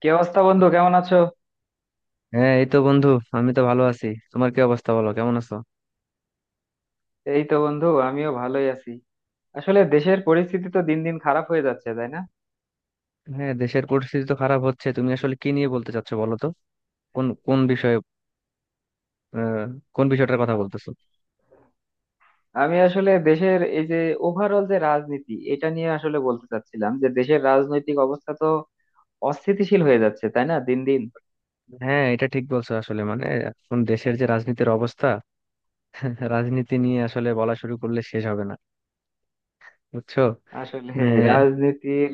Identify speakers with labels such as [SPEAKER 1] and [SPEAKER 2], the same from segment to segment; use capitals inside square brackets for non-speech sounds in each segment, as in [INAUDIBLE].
[SPEAKER 1] কি অবস্থা বন্ধু, কেমন আছো?
[SPEAKER 2] হ্যাঁ, এই তো বন্ধু। আমি তো ভালো আছি। তোমার কি অবস্থা, বলো কেমন আছো?
[SPEAKER 1] এই তো বন্ধু, আমিও ভালোই আছি। আসলে দেশের পরিস্থিতি তো দিন দিন খারাপ হয়ে যাচ্ছে, তাই না?
[SPEAKER 2] হ্যাঁ, দেশের পরিস্থিতি তো খারাপ হচ্ছে। তুমি আসলে কি নিয়ে বলতে চাচ্ছো বলো তো? কোন কোন বিষয়ে? আহ, কোন বিষয়টার কথা বলতেছো?
[SPEAKER 1] আমি আসলে দেশের এই যে ওভারঅল যে রাজনীতি, এটা নিয়ে আসলে বলতে চাচ্ছিলাম যে দেশের রাজনৈতিক অবস্থা তো অস্থিতিশীল হয়ে যাচ্ছে, তাই না, দিন দিন।
[SPEAKER 2] হ্যাঁ, এটা ঠিক বলছো। আসলে মানে এখন দেশের যে রাজনীতির অবস্থা, [LAUGHS] রাজনীতি নিয়ে আসলে বলা শুরু করলে শেষ হবে না, বুঝছো?
[SPEAKER 1] আসলে
[SPEAKER 2] আহ,
[SPEAKER 1] রাজনীতির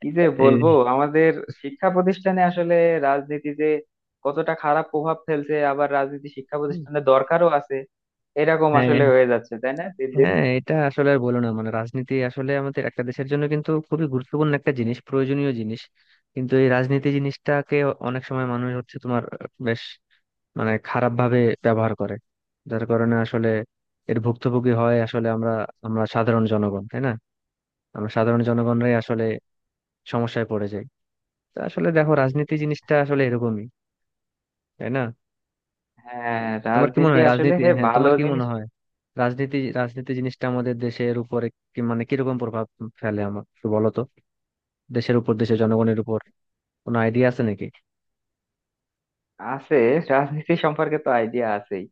[SPEAKER 1] কি যে বলবো,
[SPEAKER 2] এই-
[SPEAKER 1] আমাদের শিক্ষা প্রতিষ্ঠানে আসলে রাজনীতি যে কতটা খারাপ প্রভাব ফেলছে, আবার রাজনীতি শিক্ষা প্রতিষ্ঠানে দরকারও আছে। এরকম
[SPEAKER 2] হ্যাঁ
[SPEAKER 1] আসলে হয়ে যাচ্ছে, তাই না, দিন দিন।
[SPEAKER 2] হ্যাঁ, এটা আসলে আর বলো না। মানে রাজনীতি আসলে আমাদের একটা দেশের জন্য কিন্তু খুবই গুরুত্বপূর্ণ একটা জিনিস, প্রয়োজনীয় জিনিস। কিন্তু এই রাজনীতি জিনিসটাকে অনেক সময় মানুষ হচ্ছে তোমার, বেশ মানে খারাপ ভাবে ব্যবহার করে। যার কারণে আসলে এর ভুক্তভোগী হয় আসলে আমরা, আমরা সাধারণ জনগণ, তাই না? আমরা সাধারণ জনগণরাই আসলে সমস্যায় পড়ে যাই। তো আসলে দেখো, রাজনীতি জিনিসটা আসলে এরকমই, তাই না?
[SPEAKER 1] হ্যাঁ,
[SPEAKER 2] তোমার কি মনে
[SPEAKER 1] রাজনীতি
[SPEAKER 2] হয়
[SPEAKER 1] আসলে
[SPEAKER 2] রাজনীতি,
[SPEAKER 1] হে
[SPEAKER 2] হ্যাঁ
[SPEAKER 1] ভালো
[SPEAKER 2] তোমার কি মনে
[SPEAKER 1] জিনিস।
[SPEAKER 2] হয় রাজনীতি রাজনীতি জিনিসটা আমাদের দেশের উপরে কি মানে কিরকম প্রভাব ফেলে, আমার একটু বলো তো? দেশের উপর, দেশের জনগণের উপর কোনো আইডিয়া আছে নাকি?
[SPEAKER 1] আছে, রাজনীতি সম্পর্কে তো আইডিয়া আছেই।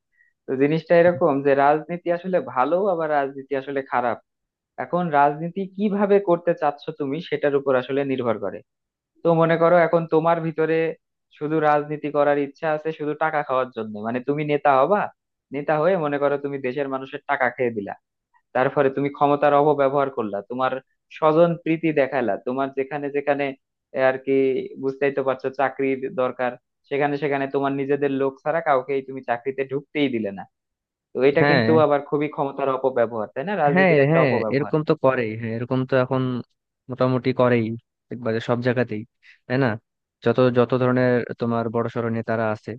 [SPEAKER 1] তো জিনিসটা এরকম যে রাজনীতি আসলে ভালো, আবার রাজনীতি আসলে খারাপ। এখন রাজনীতি কিভাবে করতে চাচ্ছ তুমি, সেটার উপর আসলে নির্ভর করে। তো মনে করো, এখন তোমার ভিতরে শুধু রাজনীতি করার ইচ্ছা আছে শুধু টাকা খাওয়ার জন্য, মানে তুমি নেতা হবা। নেতা হয়ে মনে করো তুমি দেশের মানুষের টাকা খেয়ে দিলা, তারপরে তুমি ক্ষমতার অপব্যবহার করলা, তোমার স্বজন প্রীতি দেখাইলা তোমার যেখানে যেখানে, এ আর কি, বুঝতেই তো পারছো, চাকরির দরকার, সেখানে সেখানে তোমার নিজেদের লোক ছাড়া কাউকেই তুমি চাকরিতে ঢুকতেই দিলে না। তো এটা
[SPEAKER 2] হ্যাঁ,
[SPEAKER 1] কিন্তু আবার খুবই ক্ষমতার অপব্যবহার, তাই না,
[SPEAKER 2] হ্যাঁ,
[SPEAKER 1] রাজনীতির একটা
[SPEAKER 2] হ্যাঁ,
[SPEAKER 1] অপব্যবহার।
[SPEAKER 2] এরকম তো করেই। হ্যাঁ, এরকম তো এখন মোটামুটি করেই, একবারে সব জায়গাতেই, তাই না? যত যত ধরনের তোমার বড়সড় নেতারা আছে,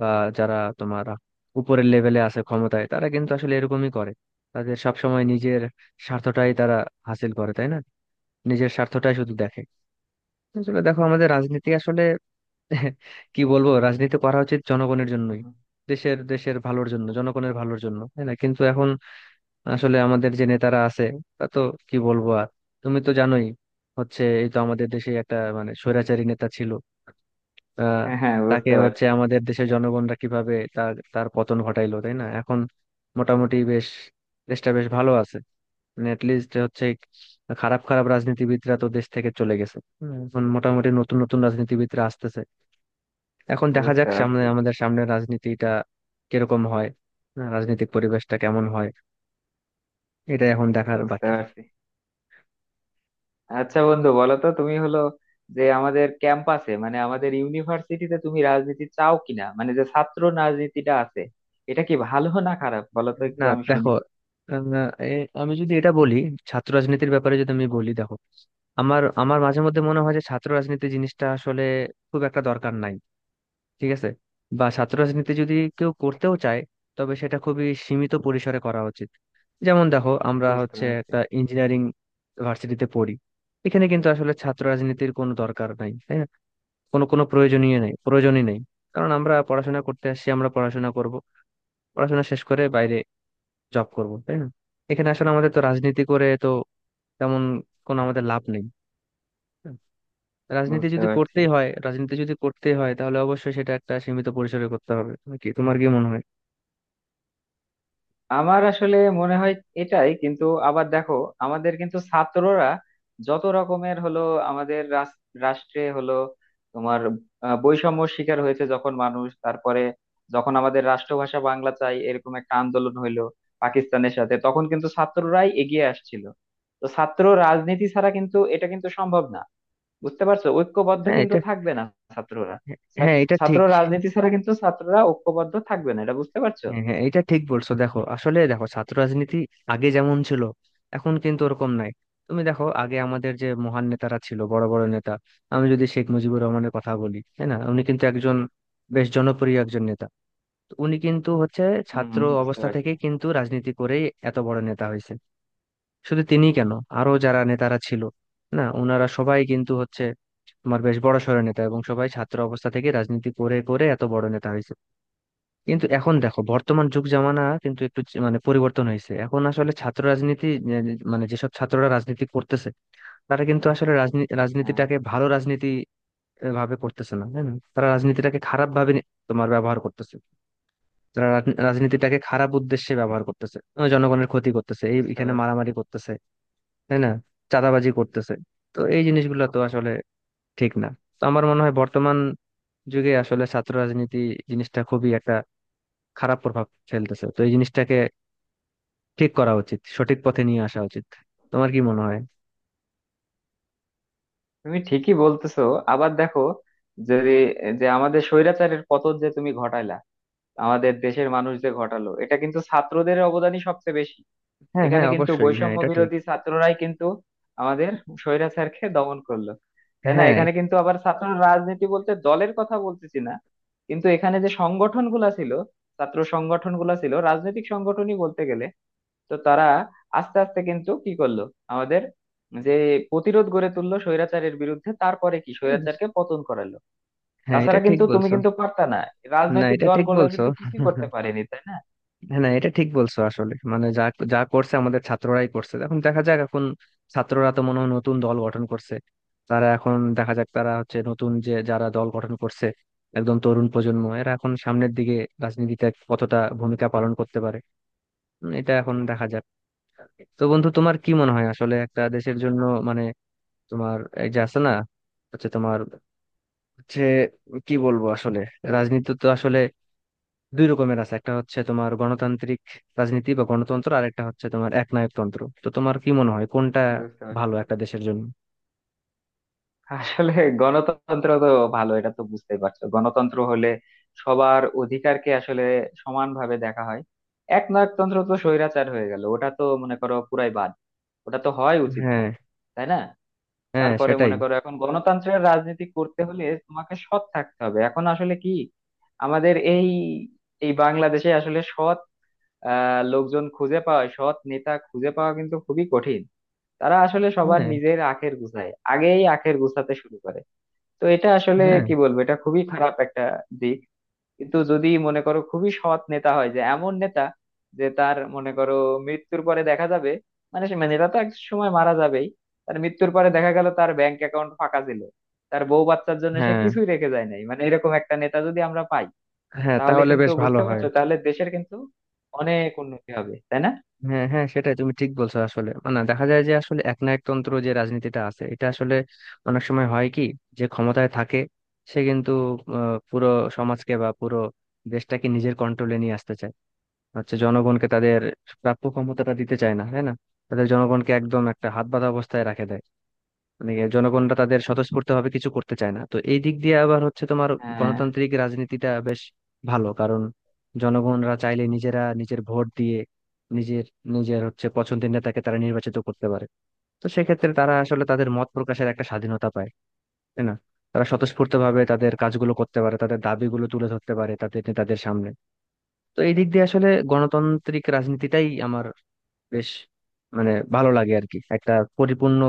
[SPEAKER 2] বা যারা তোমার উপরের লেভেলে আছে ক্ষমতায়, তারা কিন্তু আসলে এরকমই করে। তাদের সবসময় নিজের স্বার্থটাই তারা হাসিল করে, তাই না? নিজের স্বার্থটাই শুধু দেখে। আসলে দেখো আমাদের রাজনীতি আসলে [LAUGHS] কি বলবো, রাজনীতি করা উচিত জনগণের
[SPEAKER 1] হুম,
[SPEAKER 2] জন্যই,
[SPEAKER 1] হুম।
[SPEAKER 2] দেশের দেশের ভালোর জন্য, জনগণের ভালোর জন্য, তাই না? কিন্তু এখন আসলে আমাদের যে নেতারা আছে তা তো কি বলবো আর, তুমি তো জানোই। হচ্ছে এই তো আমাদের দেশে একটা মানে স্বৈরাচারী নেতা ছিল, আহ
[SPEAKER 1] হ্যাঁ হ্যাঁ,
[SPEAKER 2] তাকে
[SPEAKER 1] বুঝতে
[SPEAKER 2] হচ্ছে
[SPEAKER 1] পারছি।
[SPEAKER 2] আমাদের দেশের জনগণরা কিভাবে তার তার পতন ঘটাইলো, তাই না? এখন মোটামুটি বেশ, দেশটা বেশ ভালো আছে। মানে লিস্ট হচ্ছে, খারাপ খারাপ রাজনীতিবিদরা তো দেশ থেকে চলে গেছে। হুম, এখন মোটামুটি নতুন নতুন রাজনীতিবিদরা আসতেছে। এখন দেখা যাক
[SPEAKER 1] বুঝতে
[SPEAKER 2] সামনে,
[SPEAKER 1] পারছি।
[SPEAKER 2] আমাদের সামনে রাজনীতিটা কিরকম হয়। হ্যাঁ, রাজনৈতিক পরিবেশটা কেমন হয়, এটা এখন দেখার
[SPEAKER 1] বুঝতে
[SPEAKER 2] বাকি।
[SPEAKER 1] পারছি। আচ্ছা বন্ধু, বলো তো তুমি হলো যে আমাদের ক্যাম্পাসে, মানে আমাদের ইউনিভার্সিটিতে তুমি রাজনীতি চাও কিনা, মানে যে ছাত্র রাজনীতিটা আছে এটা কি ভালো না খারাপ, বলো তো একটু
[SPEAKER 2] না
[SPEAKER 1] আমি শুনি।
[SPEAKER 2] দেখো, আহ, এ- আমি যদি এটা বলি, ছাত্র রাজনীতির ব্যাপারে যদি আমি বলি, দেখো আমার আমার মাঝে মধ্যে মনে হয় যে ছাত্র রাজনীতি জিনিসটা আসলে খুব একটা দরকার নাই, ঠিক আছে? বা ছাত্র রাজনীতি যদি কেউ করতেও চায়, তবে সেটা খুবই সীমিত পরিসরে করা উচিত। যেমন দেখো আমরা
[SPEAKER 1] বুঝতে
[SPEAKER 2] হচ্ছে
[SPEAKER 1] পারছি।
[SPEAKER 2] একটা ইঞ্জিনিয়ারিং ভার্সিটিতে পড়ি। এখানে কিন্তু আসলে ছাত্র রাজনীতির কোনো দরকার নাই, তাই না? কোনো কোনো প্রয়োজনীয় নেই, প্রয়োজনই নেই। কারণ আমরা পড়াশোনা করতে আসছি, আমরা পড়াশোনা করব, পড়াশোনা শেষ করে বাইরে জব করব, তাই না? এখানে আসলে আমাদের তো রাজনীতি করে তো তেমন কোনো আমাদের লাভ নেই। হুম।
[SPEAKER 1] বুঝতে পারছি।
[SPEAKER 2] রাজনীতি যদি করতেই হয় তাহলে অবশ্যই সেটা একটা সীমিত পরিসরে করতে হবে। তুমি কি, তোমার কি মনে হয়?
[SPEAKER 1] আমার আসলে মনে হয় এটাই। কিন্তু আবার দেখো, আমাদের কিন্তু ছাত্ররা যত রকমের হলো আমাদের রাষ্ট্রে হলো তোমার বৈষম্য শিকার হয়েছে যখন মানুষ, তারপরে যখন আমাদের রাষ্ট্রভাষা বাংলা চাই এরকম একটা আন্দোলন হইলো পাকিস্তানের সাথে, তখন কিন্তু ছাত্ররাই এগিয়ে আসছিল। তো ছাত্র রাজনীতি ছাড়া কিন্তু এটা কিন্তু সম্ভব না, বুঝতে পারছো, ঐক্যবদ্ধ
[SPEAKER 2] হ্যাঁ
[SPEAKER 1] কিন্তু
[SPEAKER 2] এটা,
[SPEAKER 1] থাকবে না ছাত্ররা।
[SPEAKER 2] হ্যাঁ এটা
[SPEAKER 1] ছাত্র
[SPEAKER 2] ঠিক।
[SPEAKER 1] রাজনীতি ছাড়া কিন্তু ছাত্ররা ঐক্যবদ্ধ থাকবে না, এটা বুঝতে পারছো।
[SPEAKER 2] হ্যাঁ হ্যাঁ, এটা ঠিক বলছো। দেখো আসলে, দেখো ছাত্র রাজনীতি আগে যেমন ছিল এখন কিন্তু ওরকম নাই। তুমি দেখো আগে আমাদের যে মহান নেতারা ছিল, বড় বড় নেতা, আমি যদি শেখ মুজিবুর রহমানের কথা বলি, তাই না, উনি কিন্তু একজন বেশ জনপ্রিয় একজন নেতা। তো উনি কিন্তু হচ্ছে ছাত্র
[SPEAKER 1] হম, বুঝতে
[SPEAKER 2] অবস্থা
[SPEAKER 1] পারছি।
[SPEAKER 2] থেকে কিন্তু রাজনীতি করেই এত বড় নেতা হয়েছে। শুধু তিনি কেন, আরো যারা নেতারা ছিল না, ওনারা সবাই কিন্তু হচ্ছে তোমার বেশ বড় সড় নেতা, এবং সবাই ছাত্র অবস্থা থেকে রাজনীতি করে করে এত বড় নেতা হয়েছে। কিন্তু এখন দেখো বর্তমান যুগ জামানা কিন্তু একটু মানে পরিবর্তন হয়েছে। এখন আসলে ছাত্র রাজনীতি, এ, মানে যেসব ছাত্ররা রাজনীতি করতেছে তারা কিন্তু আসলে রাজনীতি
[SPEAKER 1] হ্যাঁ,
[SPEAKER 2] রাজনীতিটাকে ভালো রাজনীতি ভাবে করতেছে না, তাই না? তারা রাজনীতিটাকে খারাপ ভাবে তোমার ব্যবহার করতেছে। তারা রাজনীতিটাকে খারাপ উদ্দেশ্যে ব্যবহার করতেছে। জনগণের ক্ষতি করতেছে, এই
[SPEAKER 1] বুঝতে
[SPEAKER 2] এখানে
[SPEAKER 1] পারছি।
[SPEAKER 2] মারামারি করতেছে, তাই না? চাঁদাবাজি করতেছে। তো এই জিনিসগুলো তো আসলে ঠিক না। তো আমার মনে হয় বর্তমান যুগে আসলে ছাত্র রাজনীতি জিনিসটা খুবই একটা খারাপ প্রভাব ফেলতেছে। তো এই জিনিসটাকে ঠিক করা উচিত, সঠিক পথে নিয়ে আসা উচিত। তোমার কি মনে হয়?
[SPEAKER 1] তুমি ঠিকই বলতেছো। আবার দেখো, যদি যে আমাদের স্বৈরাচারের পতন যে তুমি ঘটাইলা, আমাদের দেশের মানুষ যে ঘটালো, এটা কিন্তু ছাত্রদের অবদানই সবচেয়ে বেশি।
[SPEAKER 2] হ্যাঁ হ্যাঁ,
[SPEAKER 1] এখানে কিন্তু
[SPEAKER 2] অবশ্যই। হ্যাঁ,
[SPEAKER 1] বৈষম্য
[SPEAKER 2] এটা ঠিক।
[SPEAKER 1] বিরোধী ছাত্ররাই কিন্তু আমাদের স্বৈরাচারকে দমন করলো, তাই না।
[SPEAKER 2] হ্যাঁ
[SPEAKER 1] এখানে কিন্তু আবার ছাত্র রাজনীতি বলতে দলের কথা বলতেছি না, কিন্তু এখানে যে সংগঠন গুলা ছিল, ছাত্র সংগঠন গুলা ছিল রাজনৈতিক সংগঠনই বলতে গেলে। তো তারা আস্তে আস্তে কিন্তু কি করলো, আমাদের যে প্রতিরোধ গড়ে তুললো স্বৈরাচারের বিরুদ্ধে, তারপরে কি
[SPEAKER 2] হ্যাঁ।
[SPEAKER 1] স্বৈরাচারকে পতন করালো।
[SPEAKER 2] হ্যাঁ, এটা
[SPEAKER 1] তাছাড়া
[SPEAKER 2] ঠিক
[SPEAKER 1] কিন্তু তুমি
[SPEAKER 2] বলছো।
[SPEAKER 1] কিন্তু পারতা না,
[SPEAKER 2] না
[SPEAKER 1] রাজনৈতিক
[SPEAKER 2] এটা ঠিক
[SPEAKER 1] দলগুলো
[SPEAKER 2] বলছো।
[SPEAKER 1] কিন্তু কিছুই
[SPEAKER 2] [LAUGHS]
[SPEAKER 1] করতে পারেনি, তাই না।
[SPEAKER 2] না এটা ঠিক বলছো। আসলে মানে যা যা করছে আমাদের ছাত্ররাই করছে। এখন দেখা যাক, এখন ছাত্ররা তো মনে হয় নতুন দল গঠন করছে। তারা, এখন দেখা যাক তারা হচ্ছে নতুন যে যারা দল গঠন করছে, একদম তরুণ প্রজন্ম, এরা এখন সামনের দিকে রাজনীতিতে কতটা ভূমিকা পালন করতে পারে। এটা এখন দেখা যাক। তো বন্ধু তোমার কি মনে হয় আসলে একটা দেশের জন্য, মানে তোমার এই যে আছে না, হচ্ছে তোমার হচ্ছে কি বলবো আসলে, রাজনীতি তো আসলে দুই রকমের আছে, একটা হচ্ছে তোমার গণতান্ত্রিক রাজনীতি বা গণতন্ত্র, আর একটা হচ্ছে তোমার একনায়কতন্ত্র। তো তোমার কি মনে হয় কোনটা
[SPEAKER 1] বুঝতে পারছি।
[SPEAKER 2] ভালো একটা দেশের জন্য?
[SPEAKER 1] আসলে গণতন্ত্র তো ভালো, এটা তো বুঝতেই পারছো। গণতন্ত্র হলে সবার অধিকারকে আসলে সমানভাবে দেখা হয়। একনায়কতন্ত্র তো স্বৈরাচার হয়ে গেল, ওটা তো মনে করো পুরাই বাদ, ওটা তো হয় উচিত না,
[SPEAKER 2] হ্যাঁ,
[SPEAKER 1] তাই না।
[SPEAKER 2] হ্যাঁ
[SPEAKER 1] তারপরে
[SPEAKER 2] সেটাই।
[SPEAKER 1] মনে করো, এখন গণতন্ত্রের রাজনীতি করতে হলে তোমাকে সৎ থাকতে হবে। এখন আসলে কি, আমাদের এই এই বাংলাদেশে আসলে সৎ লোকজন খুঁজে পাওয়া, সৎ নেতা খুঁজে পাওয়া কিন্তু খুবই কঠিন। তারা আসলে সবার
[SPEAKER 2] হ্যাঁ
[SPEAKER 1] নিজের আখের গুছায়, আগেই আখের গুছাতে শুরু করে। তো এটা আসলে
[SPEAKER 2] হ্যাঁ
[SPEAKER 1] কি বলবো, এটা খুবই খারাপ একটা দিক। কিন্তু যদি মনে করো খুবই সৎ নেতা হয়, যে এমন নেতা যে তার মনে করো মৃত্যুর পরে দেখা যাবে, মানে মানে নেতা তো এক সময় মারা যাবেই, তার মৃত্যুর পরে দেখা গেল তার ব্যাংক অ্যাকাউন্ট ফাঁকা ছিল, তার বউ বাচ্চার জন্য সে
[SPEAKER 2] হ্যাঁ
[SPEAKER 1] কিছুই রেখে যায় নাই, মানে এরকম একটা নেতা যদি আমরা পাই,
[SPEAKER 2] হ্যাঁ,
[SPEAKER 1] তাহলে
[SPEAKER 2] তাহলে
[SPEAKER 1] কিন্তু
[SPEAKER 2] বেশ ভালো
[SPEAKER 1] বুঝতে
[SPEAKER 2] হয়।
[SPEAKER 1] পারছো, তাহলে দেশের কিন্তু অনেক উন্নতি হবে, তাই না।
[SPEAKER 2] হ্যাঁ হ্যাঁ সেটাই, তুমি ঠিক বলছো। আসলে মানে দেখা যায় যে আসলে একনায়কতন্ত্র যে রাজনীতিটা আছে এটা আসলে অনেক সময় হয় কি, যে ক্ষমতায় থাকে সে কিন্তু পুরো সমাজকে বা পুরো দেশটাকে নিজের কন্ট্রোলে নিয়ে আসতে চায়। হচ্ছে জনগণকে তাদের প্রাপ্য ক্ষমতাটা দিতে চায় না, তাই না? তাদের জনগণকে একদম একটা হাত বাঁধা অবস্থায় রাখে দেয়। মানে ইয়ে জনগণরা তাদের স্বতঃস্ফূর্তভাবে কিছু করতে চায় না। তো এই দিক দিয়ে আবার হচ্ছে তোমার
[SPEAKER 1] হ্যাঁ
[SPEAKER 2] গণতান্ত্রিক রাজনীতিটা বেশ ভালো, কারণ জনগণরা চাইলে নিজেরা নিজের ভোট দিয়ে নিজের নিজের হচ্ছে পছন্দের নেতাকে তারা নির্বাচিত করতে পারে। তো সেক্ষেত্রে তারা আসলে তাদের মত প্রকাশের একটা স্বাধীনতা পায়, তাই না? তারা স্বতঃস্ফূর্তভাবে তাদের কাজগুলো করতে পারে, তাদের দাবিগুলো তুলে ধরতে পারে তাদের নেতাদের সামনে। তো এই দিক দিয়ে আসলে গণতান্ত্রিক রাজনীতিটাই আমার বেশ মানে ভালো লাগে আর কি। একটা পরিপূর্ণ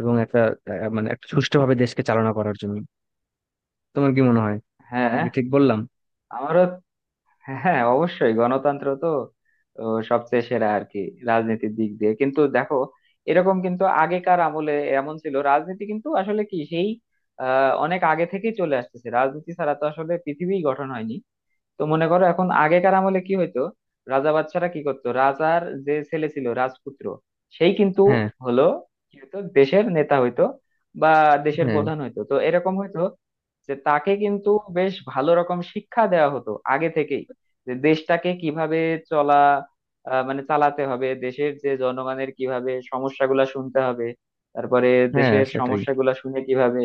[SPEAKER 2] এবং একটা মানে একটা সুষ্ঠুভাবে দেশকে চালনা করার জন্য। তোমার কি মনে হয়,
[SPEAKER 1] হ্যাঁ,
[SPEAKER 2] কি ঠিক বললাম?
[SPEAKER 1] আমারও। হ্যাঁ, অবশ্যই গণতন্ত্র তো ও, সবচেয়ে সেরা আর কি। রাজনীতির দিক দিয়ে কিন্তু দেখো, এরকম কিন্তু আগেকার আমলে এমন ছিল, রাজনীতি কিন্তু আসলে কি সেই অনেক আগে থেকেই চলে আসতেছে, রাজনীতি ছাড়া তো আসলে পৃথিবী গঠন হয়নি। তো মনে করো, এখন আগেকার আমলে কি হইতো, রাজা বাচ্চারা কি করতো, রাজার যে ছেলে ছিল রাজপুত্র, সেই কিন্তু
[SPEAKER 2] হ্যাঁ
[SPEAKER 1] হলো কি হইতো, দেশের নেতা হইতো বা দেশের
[SPEAKER 2] হ্যাঁ,
[SPEAKER 1] প্রধান হইতো। তো এরকম হইতো যে তাকে কিন্তু বেশ ভালো রকম শিক্ষা দেওয়া হতো আগে থেকেই, যে দেশটাকে কিভাবে চলা মানে চালাতে হবে, দেশের যে জনগণের কিভাবে সমস্যাগুলা শুনতে হবে, তারপরে
[SPEAKER 2] হ্যাঁ
[SPEAKER 1] দেশের
[SPEAKER 2] সেটাই।
[SPEAKER 1] সমস্যাগুলা শুনে কিভাবে,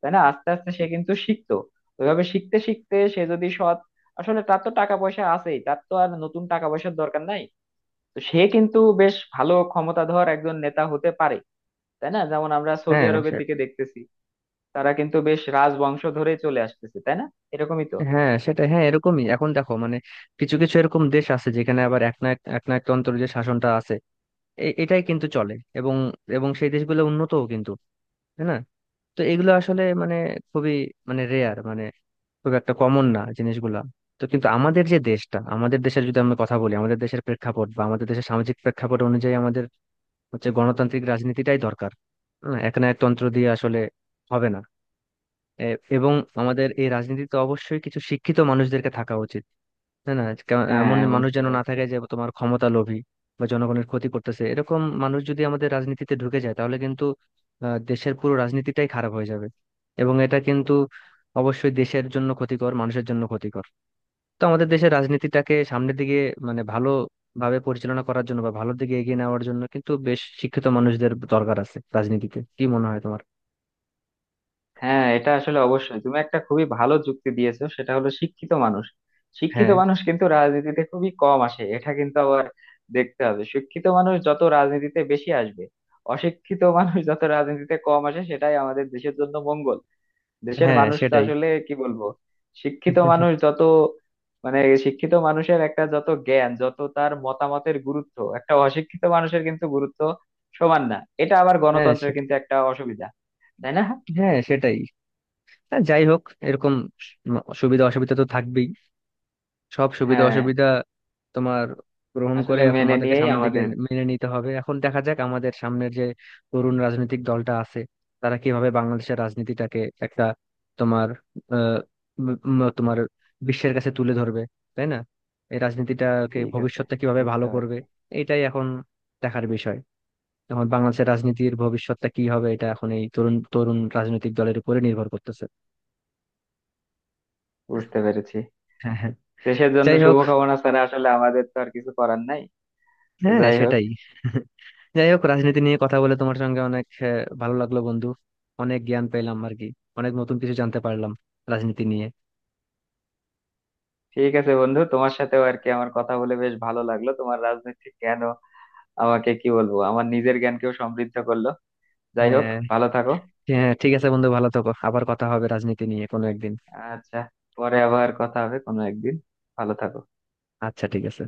[SPEAKER 1] তাই না, আস্তে আস্তে সে কিন্তু শিখতো। ওইভাবে শিখতে শিখতে সে যদি সৎ, আসলে তার তো টাকা পয়সা আছেই, তার তো আর নতুন টাকা পয়সার দরকার নাই, তো সে কিন্তু বেশ ভালো ক্ষমতাধর একজন নেতা হতে পারে, তাই না। যেমন আমরা সৌদি
[SPEAKER 2] হ্যাঁ
[SPEAKER 1] আরবের
[SPEAKER 2] সে-
[SPEAKER 1] দিকে দেখতেছি, তারা কিন্তু বেশ রাজবংশ ধরে চলে আসতেছে, তাই না, এরকমই তো।
[SPEAKER 2] হ্যাঁ সেটাই। হ্যাঁ এরকমই। এখন দেখো মানে কিছু কিছু এরকম দেশ আছে যেখানে আবার একনায়কতন্ত্র যে শাসনটা আছে এটাই কিন্তু চলে, এবং এবং সেই দেশগুলো উন্নতও কিন্তু, তাই না? তো এগুলো আসলে মানে খুবই মানে রেয়ার, খুব একটা কমন না জিনিসগুলা। তো কিন্তু আমাদের যে দেশটা, আমাদের দেশের যদি আমরা কথা বলি, আমাদের দেশের প্রেক্ষাপট বা আমাদের দেশের সামাজিক প্রেক্ষাপট অনুযায়ী আমাদের হচ্ছে গণতান্ত্রিক রাজনীতিটাই দরকার। হ্যাঁ, এক না তন্ত্র দিয়ে আসলে হবে না। এবং আমাদের এই রাজনীতিতে অবশ্যই কিছু শিক্ষিত মানুষদেরকে থাকা উচিত, তাই না? এমন
[SPEAKER 1] হ্যাঁ,
[SPEAKER 2] মানুষ
[SPEAKER 1] বুঝতে
[SPEAKER 2] যেন না
[SPEAKER 1] পারছি।
[SPEAKER 2] থাকে যে তোমার ক্ষমতা লোভী বা জনগণের ক্ষতি করতেছে। এরকম মানুষ যদি আমাদের রাজনীতিতে ঢুকে যায় তাহলে কিন্তু দেশের পুরো রাজনীতিটাই খারাপ হয়ে যাবে। এবং এটা কিন্তু অবশ্যই দেশের জন্য ক্ষতিকর, মানুষের জন্য ক্ষতিকর। তো আমাদের দেশের রাজনীতিটাকে সামনের দিকে মানে ভালো ভাবে পরিচালনা করার জন্য বা ভালোর দিকে এগিয়ে নেওয়ার জন্য কিন্তু বেশ শিক্ষিত মানুষদের দরকার আছে রাজনীতিতে। কি মনে হয় তোমার?
[SPEAKER 1] হ্যাঁ, এটা আসলে অবশ্যই তুমি একটা খুবই ভালো যুক্তি দিয়েছো, সেটা হলো শিক্ষিত মানুষ। শিক্ষিত
[SPEAKER 2] হ্যাঁ
[SPEAKER 1] মানুষ কিন্তু রাজনীতিতে খুবই কম আসে, এটা কিন্তু আবার দেখতে হবে। শিক্ষিত মানুষ যত রাজনীতিতে বেশি আসবে, অশিক্ষিত মানুষ যত রাজনীতিতে কম আসে, সেটাই আমাদের দেশের জন্য মঙ্গল। দেশের
[SPEAKER 2] হ্যাঁ
[SPEAKER 1] মানুষ তো
[SPEAKER 2] সেটাই।
[SPEAKER 1] আসলে কি বলবো, শিক্ষিত মানুষ
[SPEAKER 2] [LAUGHS]
[SPEAKER 1] যত, মানে শিক্ষিত মানুষের একটা যত জ্ঞান, যত তার মতামতের গুরুত্ব, একটা অশিক্ষিত মানুষের কিন্তু গুরুত্ব সমান না, এটা আবার
[SPEAKER 2] হ্যাঁ
[SPEAKER 1] গণতন্ত্রের
[SPEAKER 2] সেটাই।
[SPEAKER 1] কিন্তু একটা অসুবিধা, তাই না।
[SPEAKER 2] হ্যাঁ সেটাই। হ্যাঁ, যাই হোক এরকম সুবিধা অসুবিধা তো থাকবেই। সব সুবিধা
[SPEAKER 1] হ্যাঁ।
[SPEAKER 2] অসুবিধা তোমার গ্রহণ করে
[SPEAKER 1] আসলে
[SPEAKER 2] এখন
[SPEAKER 1] মেনে
[SPEAKER 2] আমাদেরকে
[SPEAKER 1] নিয়েই
[SPEAKER 2] সামনের দিকে
[SPEAKER 1] আমাদের।
[SPEAKER 2] মেনে নিতে হবে। এখন দেখা যাক আমাদের সামনের যে তরুণ রাজনৈতিক দলটা আছে তারা কিভাবে বাংলাদেশের রাজনীতিটাকে একটা তোমার আহ উম, উম, তোমার বিশ্বের কাছে তুলে ধরবে, তাই না? এই রাজনীতিটাকে,
[SPEAKER 1] ঠিক আছে,
[SPEAKER 2] ভবিষ্যৎটা কিভাবে
[SPEAKER 1] বুঝতে
[SPEAKER 2] ভালো করবে
[SPEAKER 1] পারছি।
[SPEAKER 2] এটাই এখন দেখার বিষয়। এখন বাংলাদেশের রাজনীতির ভবিষ্যৎটা কি হবে এটা এখন এই তরুণ তরুণ রাজনৈতিক দলের উপরে নির্ভর করতেছে।
[SPEAKER 1] বুঝতে পেরেছি।
[SPEAKER 2] হ্যাঁ হ্যাঁ।
[SPEAKER 1] দেশের জন্য
[SPEAKER 2] যাই হোক,
[SPEAKER 1] শুভকামনা ছাড়া আসলে আমাদের তো আর কিছু করার নাই। তো
[SPEAKER 2] হ্যাঁ
[SPEAKER 1] যাই হোক,
[SPEAKER 2] সেটাই। যাই হোক, রাজনীতি নিয়ে কথা বলে তোমার সঙ্গে অনেক ভালো লাগলো বন্ধু। অনেক জ্ঞান পেলাম আর কি, অনেক নতুন কিছু জানতে পারলাম রাজনীতি নিয়ে।
[SPEAKER 1] ঠিক আছে বন্ধু, তোমার সাথেও আর কি আমার কথা বলে বেশ ভালো লাগলো। তোমার রাজনৈতিক জ্ঞান আমাকে, কি বলবো, আমার নিজের জ্ঞানকেও সমৃদ্ধ করলো। যাই হোক,
[SPEAKER 2] হ্যাঁ
[SPEAKER 1] ভালো থাকো।
[SPEAKER 2] হ্যাঁ, ঠিক আছে বন্ধু, ভালো থাকো। আবার কথা হবে রাজনীতি নিয়ে কোনো একদিন।
[SPEAKER 1] আচ্ছা, পরে আবার কথা হবে কোনো একদিন। ভালো থাকো।
[SPEAKER 2] আচ্ছা, ঠিক আছে।